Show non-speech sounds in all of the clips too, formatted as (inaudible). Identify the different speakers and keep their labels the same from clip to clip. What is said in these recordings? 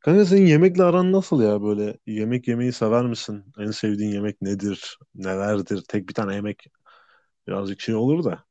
Speaker 1: Kanka senin yemekle aran nasıl ya böyle? Yemek yemeyi sever misin? En sevdiğin yemek nedir? Nelerdir? Tek bir tane yemek birazcık şey olur da.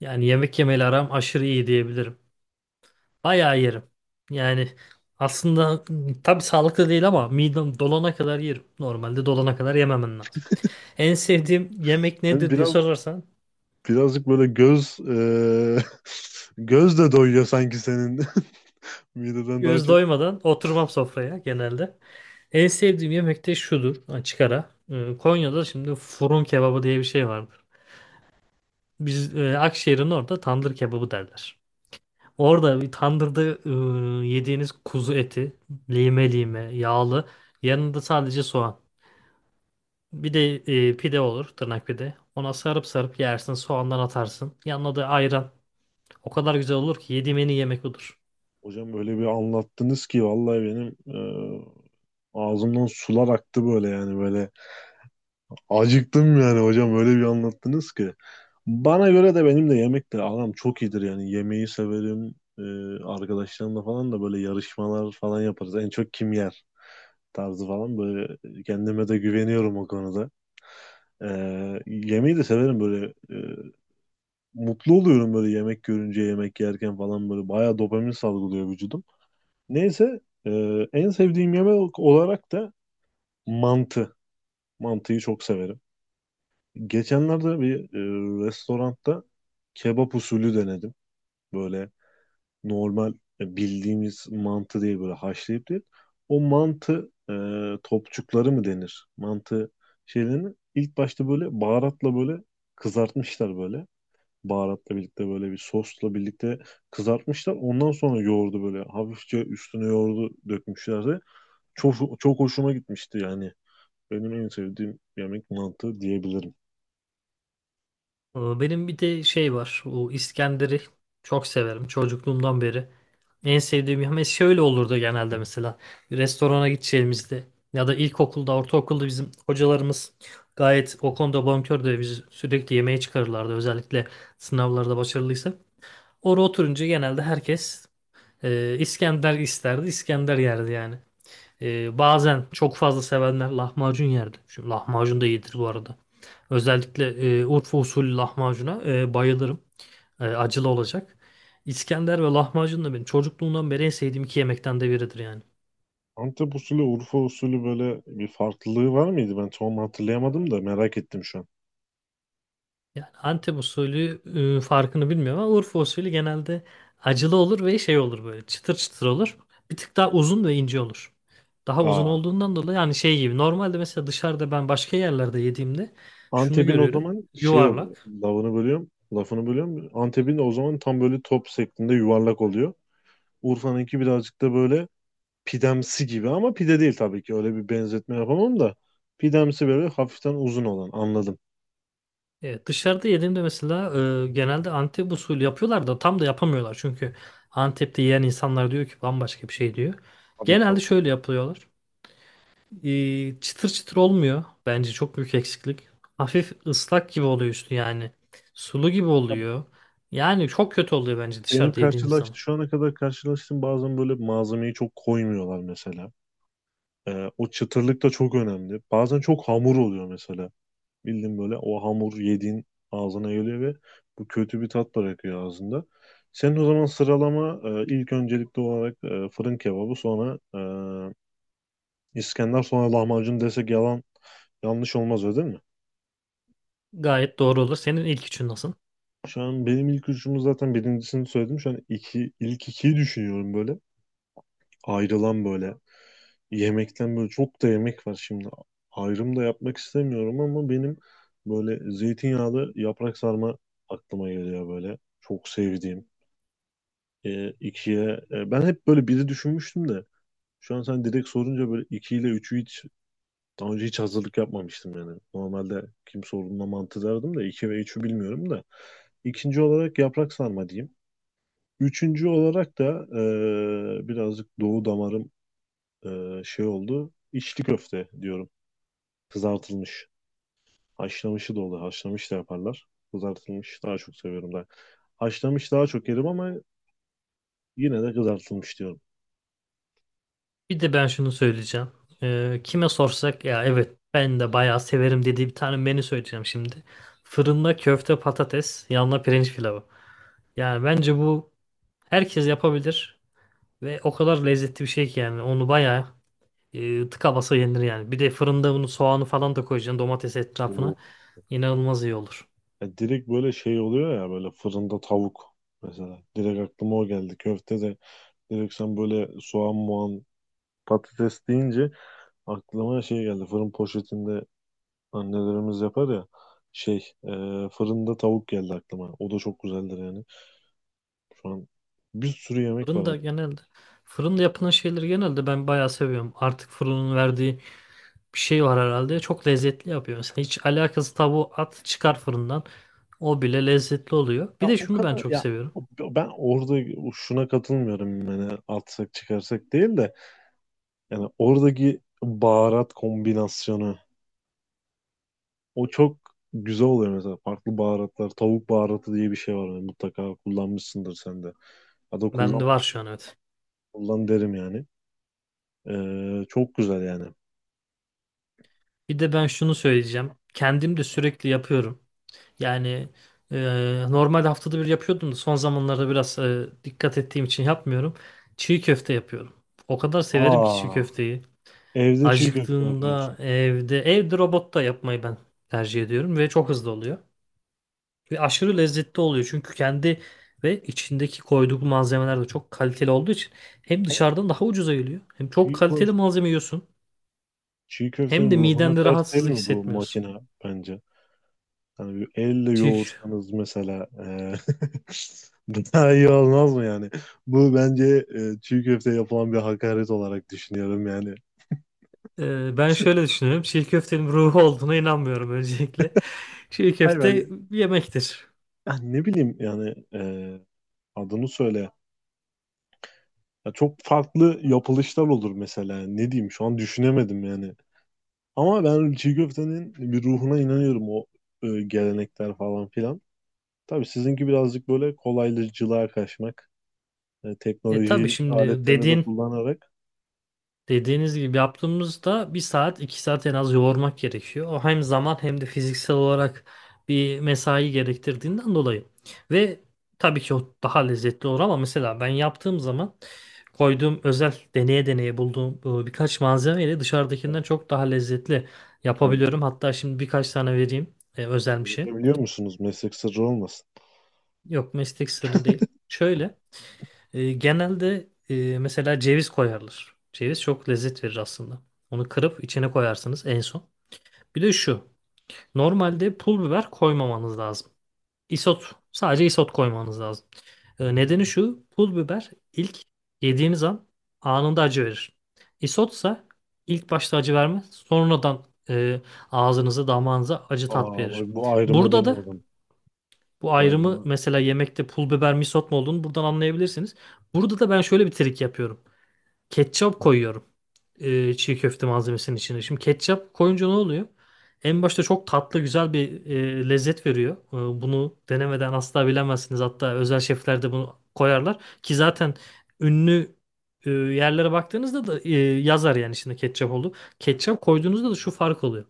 Speaker 2: Yani yemek yemeyle aram aşırı iyi diyebilirim. Bayağı yerim. Yani aslında tabii sağlıklı değil ama midem dolana kadar yerim. Normalde dolana kadar yememen lazım. En sevdiğim yemek
Speaker 1: Sen
Speaker 2: nedir diye
Speaker 1: biraz
Speaker 2: sorarsan
Speaker 1: birazcık böyle göz (laughs) göz de doyuyor sanki senin (laughs) mideden daha
Speaker 2: göz
Speaker 1: çok.
Speaker 2: doymadan oturmam sofraya genelde. En sevdiğim yemek de şudur açık ara. Konya'da şimdi fırın kebabı diye bir şey vardır. Biz Akşehir'in orada tandır kebabı derler. Orada bir tandırda yediğiniz kuzu eti lime lime yağlı yanında sadece soğan. Bir de pide olur, tırnak pide. Ona sarıp sarıp yersin, soğandan atarsın. Yanına da ayran. O kadar güzel olur ki yediğim en iyi yemek odur.
Speaker 1: Hocam böyle bir anlattınız ki vallahi benim ağzımdan sular aktı böyle yani böyle acıktım yani hocam öyle bir anlattınız ki. Bana göre de benim de yemekle aram çok iyidir yani yemeği severim. Arkadaşlarımla falan da böyle yarışmalar falan yaparız. En çok kim yer tarzı falan böyle kendime de güveniyorum o konuda. E, Yemeği de severim böyle mutlu oluyorum böyle yemek görünce yemek yerken falan böyle bayağı dopamin salgılıyor vücudum. Neyse e, en sevdiğim yemek olarak da mantı. Mantıyı çok severim. Geçenlerde bir restoranda kebap usulü denedim. Böyle normal bildiğimiz mantı değil böyle haşlayıp değil. O mantı topçukları mı denir? Mantı şeylerini ilk başta böyle baharatla böyle kızartmışlar böyle. Baharatla birlikte böyle bir sosla birlikte kızartmışlar. Ondan sonra yoğurdu böyle hafifçe üstüne yoğurdu dökmüşlerdi. Çok çok hoşuma gitmişti yani. Benim en sevdiğim yemek mantı diyebilirim.
Speaker 2: Benim bir de şey var. O İskender'i çok severim çocukluğumdan beri. En sevdiğim yemek şöyle olurdu genelde mesela. Restorana gideceğimizde ya da ilkokulda, ortaokulda bizim hocalarımız gayet o konuda bonkördü. Biz sürekli yemeğe çıkarırlardı özellikle sınavlarda başarılıysa. Orada oturunca genelde herkes İskender isterdi, İskender yerdi yani. Bazen çok fazla sevenler lahmacun yerdi. Şimdi lahmacun da iyidir bu arada. Özellikle Urfa usulü lahmacuna bayılırım. Acılı olacak. İskender ve lahmacun da benim çocukluğumdan beri en sevdiğim iki yemekten de biridir yani.
Speaker 1: Antep usulü, Urfa usulü böyle bir farklılığı var mıydı? Ben tam hatırlayamadım da merak ettim şu an.
Speaker 2: Yani Antep usulü farkını bilmiyorum ama Urfa usulü genelde acılı olur ve şey olur böyle çıtır çıtır olur. Bir tık daha uzun ve ince olur. Daha uzun
Speaker 1: Aa,
Speaker 2: olduğundan dolayı yani şey gibi normalde mesela dışarıda ben başka yerlerde yediğimde şunu
Speaker 1: Antep'in o
Speaker 2: görüyorum.
Speaker 1: zaman şey oluyor.
Speaker 2: Yuvarlak.
Speaker 1: Lafını bölüyorum. Antep'in o zaman tam böyle top şeklinde yuvarlak oluyor. Urfa'nınki birazcık da böyle pidemsi gibi ama pide değil tabii ki. Öyle bir benzetme yapamam da. Pidemsi böyle hafiften uzun olan anladım.
Speaker 2: Evet, dışarıda yediğimde mesela genelde Antep usulü yapıyorlar da tam da yapamıyorlar. Çünkü Antep'te yiyen insanlar diyor ki bambaşka bir şey diyor.
Speaker 1: Tabii ki.
Speaker 2: Genelde şöyle yapıyorlar. Çıtır çıtır olmuyor. Bence çok büyük eksiklik. Hafif ıslak gibi oluyor üstü yani. Sulu gibi oluyor. Yani çok kötü oluyor bence
Speaker 1: Benim
Speaker 2: dışarıda yediğimiz
Speaker 1: karşılaştığım,
Speaker 2: zaman.
Speaker 1: şu ana kadar karşılaştığım bazen böyle malzemeyi çok koymuyorlar mesela. O çıtırlık da çok önemli. Bazen çok hamur oluyor mesela. Bildiğin böyle o hamur yediğin ağzına geliyor ve bu kötü bir tat bırakıyor ağzında. Senin o zaman sıralama ilk öncelikli olarak fırın kebabı sonra İskender sonra lahmacun desek yalan yanlış olmaz öyle değil mi?
Speaker 2: Gayet doğru olur. Senin ilk üçün nasıl?
Speaker 1: Şu an benim ilk üçümü zaten birincisini söyledim. Şu an iki, ilk ikiyi düşünüyorum böyle. Ayrılan böyle yemekten böyle çok da yemek var şimdi. Ayrım da yapmak istemiyorum ama benim böyle zeytinyağlı yaprak sarma aklıma geliyor böyle. Çok sevdiğim. İkiye ben hep böyle biri düşünmüştüm de şu an sen direkt sorunca böyle iki ile üçü hiç daha önce hiç hazırlık yapmamıştım yani. Normalde kim sorduğunda mantı derdim de iki ve üçü bilmiyorum da. İkinci olarak yaprak sarma diyeyim. Üçüncü olarak da birazcık doğu damarım şey oldu. İçli köfte diyorum. Kızartılmış. Haşlamışı da olur. Haşlamış da yaparlar. Kızartılmış daha çok seviyorum ben. Haşlamış daha çok yerim ama yine de kızartılmış diyorum.
Speaker 2: Bir de ben şunu söyleyeceğim. Kime sorsak ya evet ben de bayağı severim dediği bir tane menü söyleyeceğim şimdi. Fırında köfte patates, yanına pirinç pilavı. Yani bence bu herkes yapabilir ve o kadar lezzetli bir şey ki yani onu bayağı tıka basa yenir yani. Bir de fırında bunu soğanı falan da koyacaksın domates
Speaker 1: Bu
Speaker 2: etrafına. İnanılmaz iyi olur.
Speaker 1: ya direkt böyle şey oluyor ya böyle fırında tavuk mesela. Direkt aklıma o geldi. Köfte de direkt sen böyle soğan muan patates deyince aklıma şey geldi. Fırın poşetinde annelerimiz yapar ya şey e, fırında tavuk geldi aklıma. O da çok güzeldir yani. Şu an bir sürü yemek var.
Speaker 2: Fırında fırında yapılan şeyleri genelde ben bayağı seviyorum. Artık fırının verdiği bir şey var herhalde. Çok lezzetli yapıyor. Mesela hiç alakası tavuğu at çıkar fırından. O bile lezzetli oluyor. Bir
Speaker 1: Ya
Speaker 2: de
Speaker 1: o
Speaker 2: şunu ben
Speaker 1: kadar
Speaker 2: çok
Speaker 1: ya
Speaker 2: seviyorum.
Speaker 1: ben orada şuna katılmıyorum yani atsak çıkarsak değil de yani oradaki baharat kombinasyonu o çok güzel oluyor mesela farklı baharatlar tavuk baharatı diye bir şey var yani mutlaka kullanmışsındır sen de ya da kullan
Speaker 2: Bende var şu an evet.
Speaker 1: kullan derim yani. Çok güzel yani.
Speaker 2: Bir de ben şunu söyleyeceğim. Kendim de sürekli yapıyorum. Yani normal haftada bir yapıyordum da son zamanlarda biraz dikkat ettiğim için yapmıyorum. Çiğ köfte yapıyorum. O kadar severim ki çiğ
Speaker 1: Aa,
Speaker 2: köfteyi.
Speaker 1: evde çiğ köfte
Speaker 2: Acıktığımda
Speaker 1: yapıyorsun.
Speaker 2: evde robotta yapmayı ben tercih ediyorum ve çok hızlı oluyor. Ve aşırı lezzetli oluyor çünkü kendi ve içindeki koyduğu malzemeler de çok kaliteli olduğu için hem
Speaker 1: Ama
Speaker 2: dışarıdan daha ucuza geliyor hem çok
Speaker 1: çiğ, ko-
Speaker 2: kaliteli malzeme yiyorsun
Speaker 1: çiğ
Speaker 2: hem
Speaker 1: köftenin
Speaker 2: de
Speaker 1: ruhuna
Speaker 2: midende
Speaker 1: ters değil
Speaker 2: rahatsızlık
Speaker 1: mi bu
Speaker 2: hissetmiyorsun.
Speaker 1: makine bence? Hani bir elle
Speaker 2: Çiğ,
Speaker 1: yoğursanız mesela (laughs) bu daha iyi olmaz mı yani? Bu bence çiğ köfte yapılan bir hakaret olarak düşünüyorum yani.
Speaker 2: Ben şöyle düşünüyorum. Çiğ köftenin ruhu olduğuna inanmıyorum öncelikle. (laughs) Çiğ
Speaker 1: Hayır bence
Speaker 2: köfte bir yemektir.
Speaker 1: ya ne bileyim yani adını söyle. Ya çok farklı yapılışlar olur mesela. Ne diyeyim şu an düşünemedim yani. Ama ben çiğ köftenin bir ruhuna inanıyorum o gelenekler falan filan. Tabii sizinki birazcık böyle kolaylıcılığa kaçmak. Yani
Speaker 2: E tabii
Speaker 1: teknoloji
Speaker 2: şimdi
Speaker 1: aletlerini de
Speaker 2: dediğin
Speaker 1: kullanarak.
Speaker 2: Dediğiniz gibi yaptığımızda bir saat iki saat en az yoğurmak gerekiyor. O hem zaman hem de fiziksel olarak bir mesai gerektirdiğinden dolayı. Ve tabii ki o daha lezzetli olur ama mesela ben yaptığım zaman koyduğum özel deneye deneye bulduğum birkaç malzemeyle dışarıdakinden
Speaker 1: Evet,
Speaker 2: çok daha lezzetli yapabiliyorum. Hatta şimdi birkaç tane vereyim özel bir şey.
Speaker 1: paylaşabiliyor musunuz? Meslek sırrı olmasın.
Speaker 2: Yok meslek sırrı değil. Şöyle. Genelde mesela ceviz koyarlar. Ceviz çok lezzet verir aslında. Onu kırıp içine koyarsınız en son. Bir de şu. Normalde pul biber koymamanız lazım. Isot. Sadece isot koymanız lazım. Nedeni şu. Pul biber ilk yediğiniz an anında acı verir. Isotsa ilk başta acı vermez. Sonradan ağzınıza damağınıza acı tat
Speaker 1: Aa
Speaker 2: verir.
Speaker 1: bak bu ayrımı
Speaker 2: Burada da
Speaker 1: bilmiyordum.
Speaker 2: bu
Speaker 1: Bu
Speaker 2: ayrımı
Speaker 1: ayrımı.
Speaker 2: mesela yemekte pul biber mi isot mu olduğunu buradan anlayabilirsiniz. Burada da ben şöyle bir trik yapıyorum. Ketçap koyuyorum çiğ köfte malzemesinin içine. Şimdi ketçap koyunca ne oluyor? En başta çok tatlı güzel bir lezzet veriyor. Bunu denemeden asla bilemezsiniz. Hatta özel şefler de bunu koyarlar. Ki zaten ünlü yerlere baktığınızda da yazar yani şimdi ketçap oldu. Ketçap koyduğunuzda da şu fark oluyor.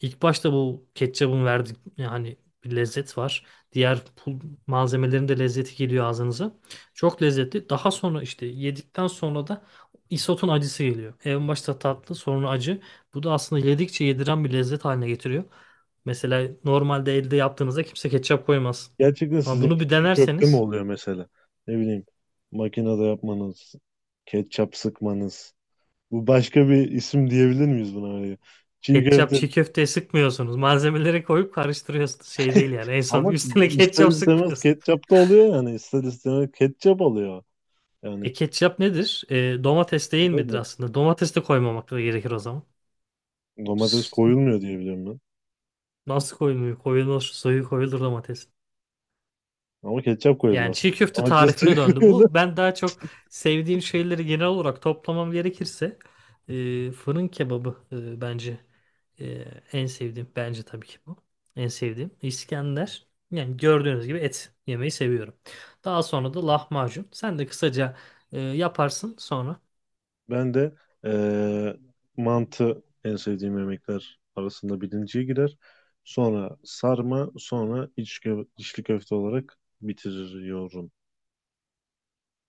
Speaker 2: İlk başta bu ketçabın verdiği yani bir lezzet var. Diğer pul malzemelerin de lezzeti geliyor ağzınıza. Çok lezzetli. Daha sonra işte yedikten sonra da isotun acısı geliyor. En başta tatlı, sonra acı. Bu da aslında yedikçe yediren bir lezzet haline getiriyor. Mesela normalde elde yaptığınızda kimse ketçap koymaz.
Speaker 1: Gerçekten
Speaker 2: Ama bunu
Speaker 1: sizinki
Speaker 2: bir
Speaker 1: çiğ köfte mi
Speaker 2: denerseniz
Speaker 1: oluyor mesela? Ne bileyim makinede yapmanız, ketçap sıkmanız. Bu başka bir isim diyebilir miyiz buna? Hani çiğ
Speaker 2: ketçap
Speaker 1: köfte
Speaker 2: çiğ köfteye sıkmıyorsunuz. Malzemeleri koyup karıştırıyorsunuz. Şey değil yani. En son
Speaker 1: ama
Speaker 2: üstüne (laughs)
Speaker 1: ister
Speaker 2: ketçap
Speaker 1: istemez
Speaker 2: sıkmıyorsunuz.
Speaker 1: ketçap da oluyor yani. İster istemez ketçap alıyor. Yani
Speaker 2: E ketçap nedir? Domates değil midir
Speaker 1: nedir?
Speaker 2: aslında? Domates de koymamak da gerekir o zaman.
Speaker 1: Domates koyulmuyor
Speaker 2: (laughs)
Speaker 1: diye biliyorum ben.
Speaker 2: Nasıl koymuyor? Koyulur, suyu koyulur domates.
Speaker 1: Ama ketçap
Speaker 2: Yani
Speaker 1: koyulmaz.
Speaker 2: çiğ köfte
Speaker 1: Domates suyu
Speaker 2: tarifine
Speaker 1: (laughs)
Speaker 2: döndü
Speaker 1: koyulur.
Speaker 2: bu. Ben daha çok sevdiğim şeyleri genel olarak toplamam gerekirse fırın kebabı, bence e, en sevdiğim. Bence tabii ki bu. En sevdiğim. İskender. Yani gördüğünüz gibi et yemeyi seviyorum. Daha sonra da lahmacun. Sen de kısaca yaparsın sonra.
Speaker 1: Ben de eee, mantı en sevdiğim yemekler arasında birinciye girer. Sonra sarma, sonra içli köfte olarak bitiriyorum.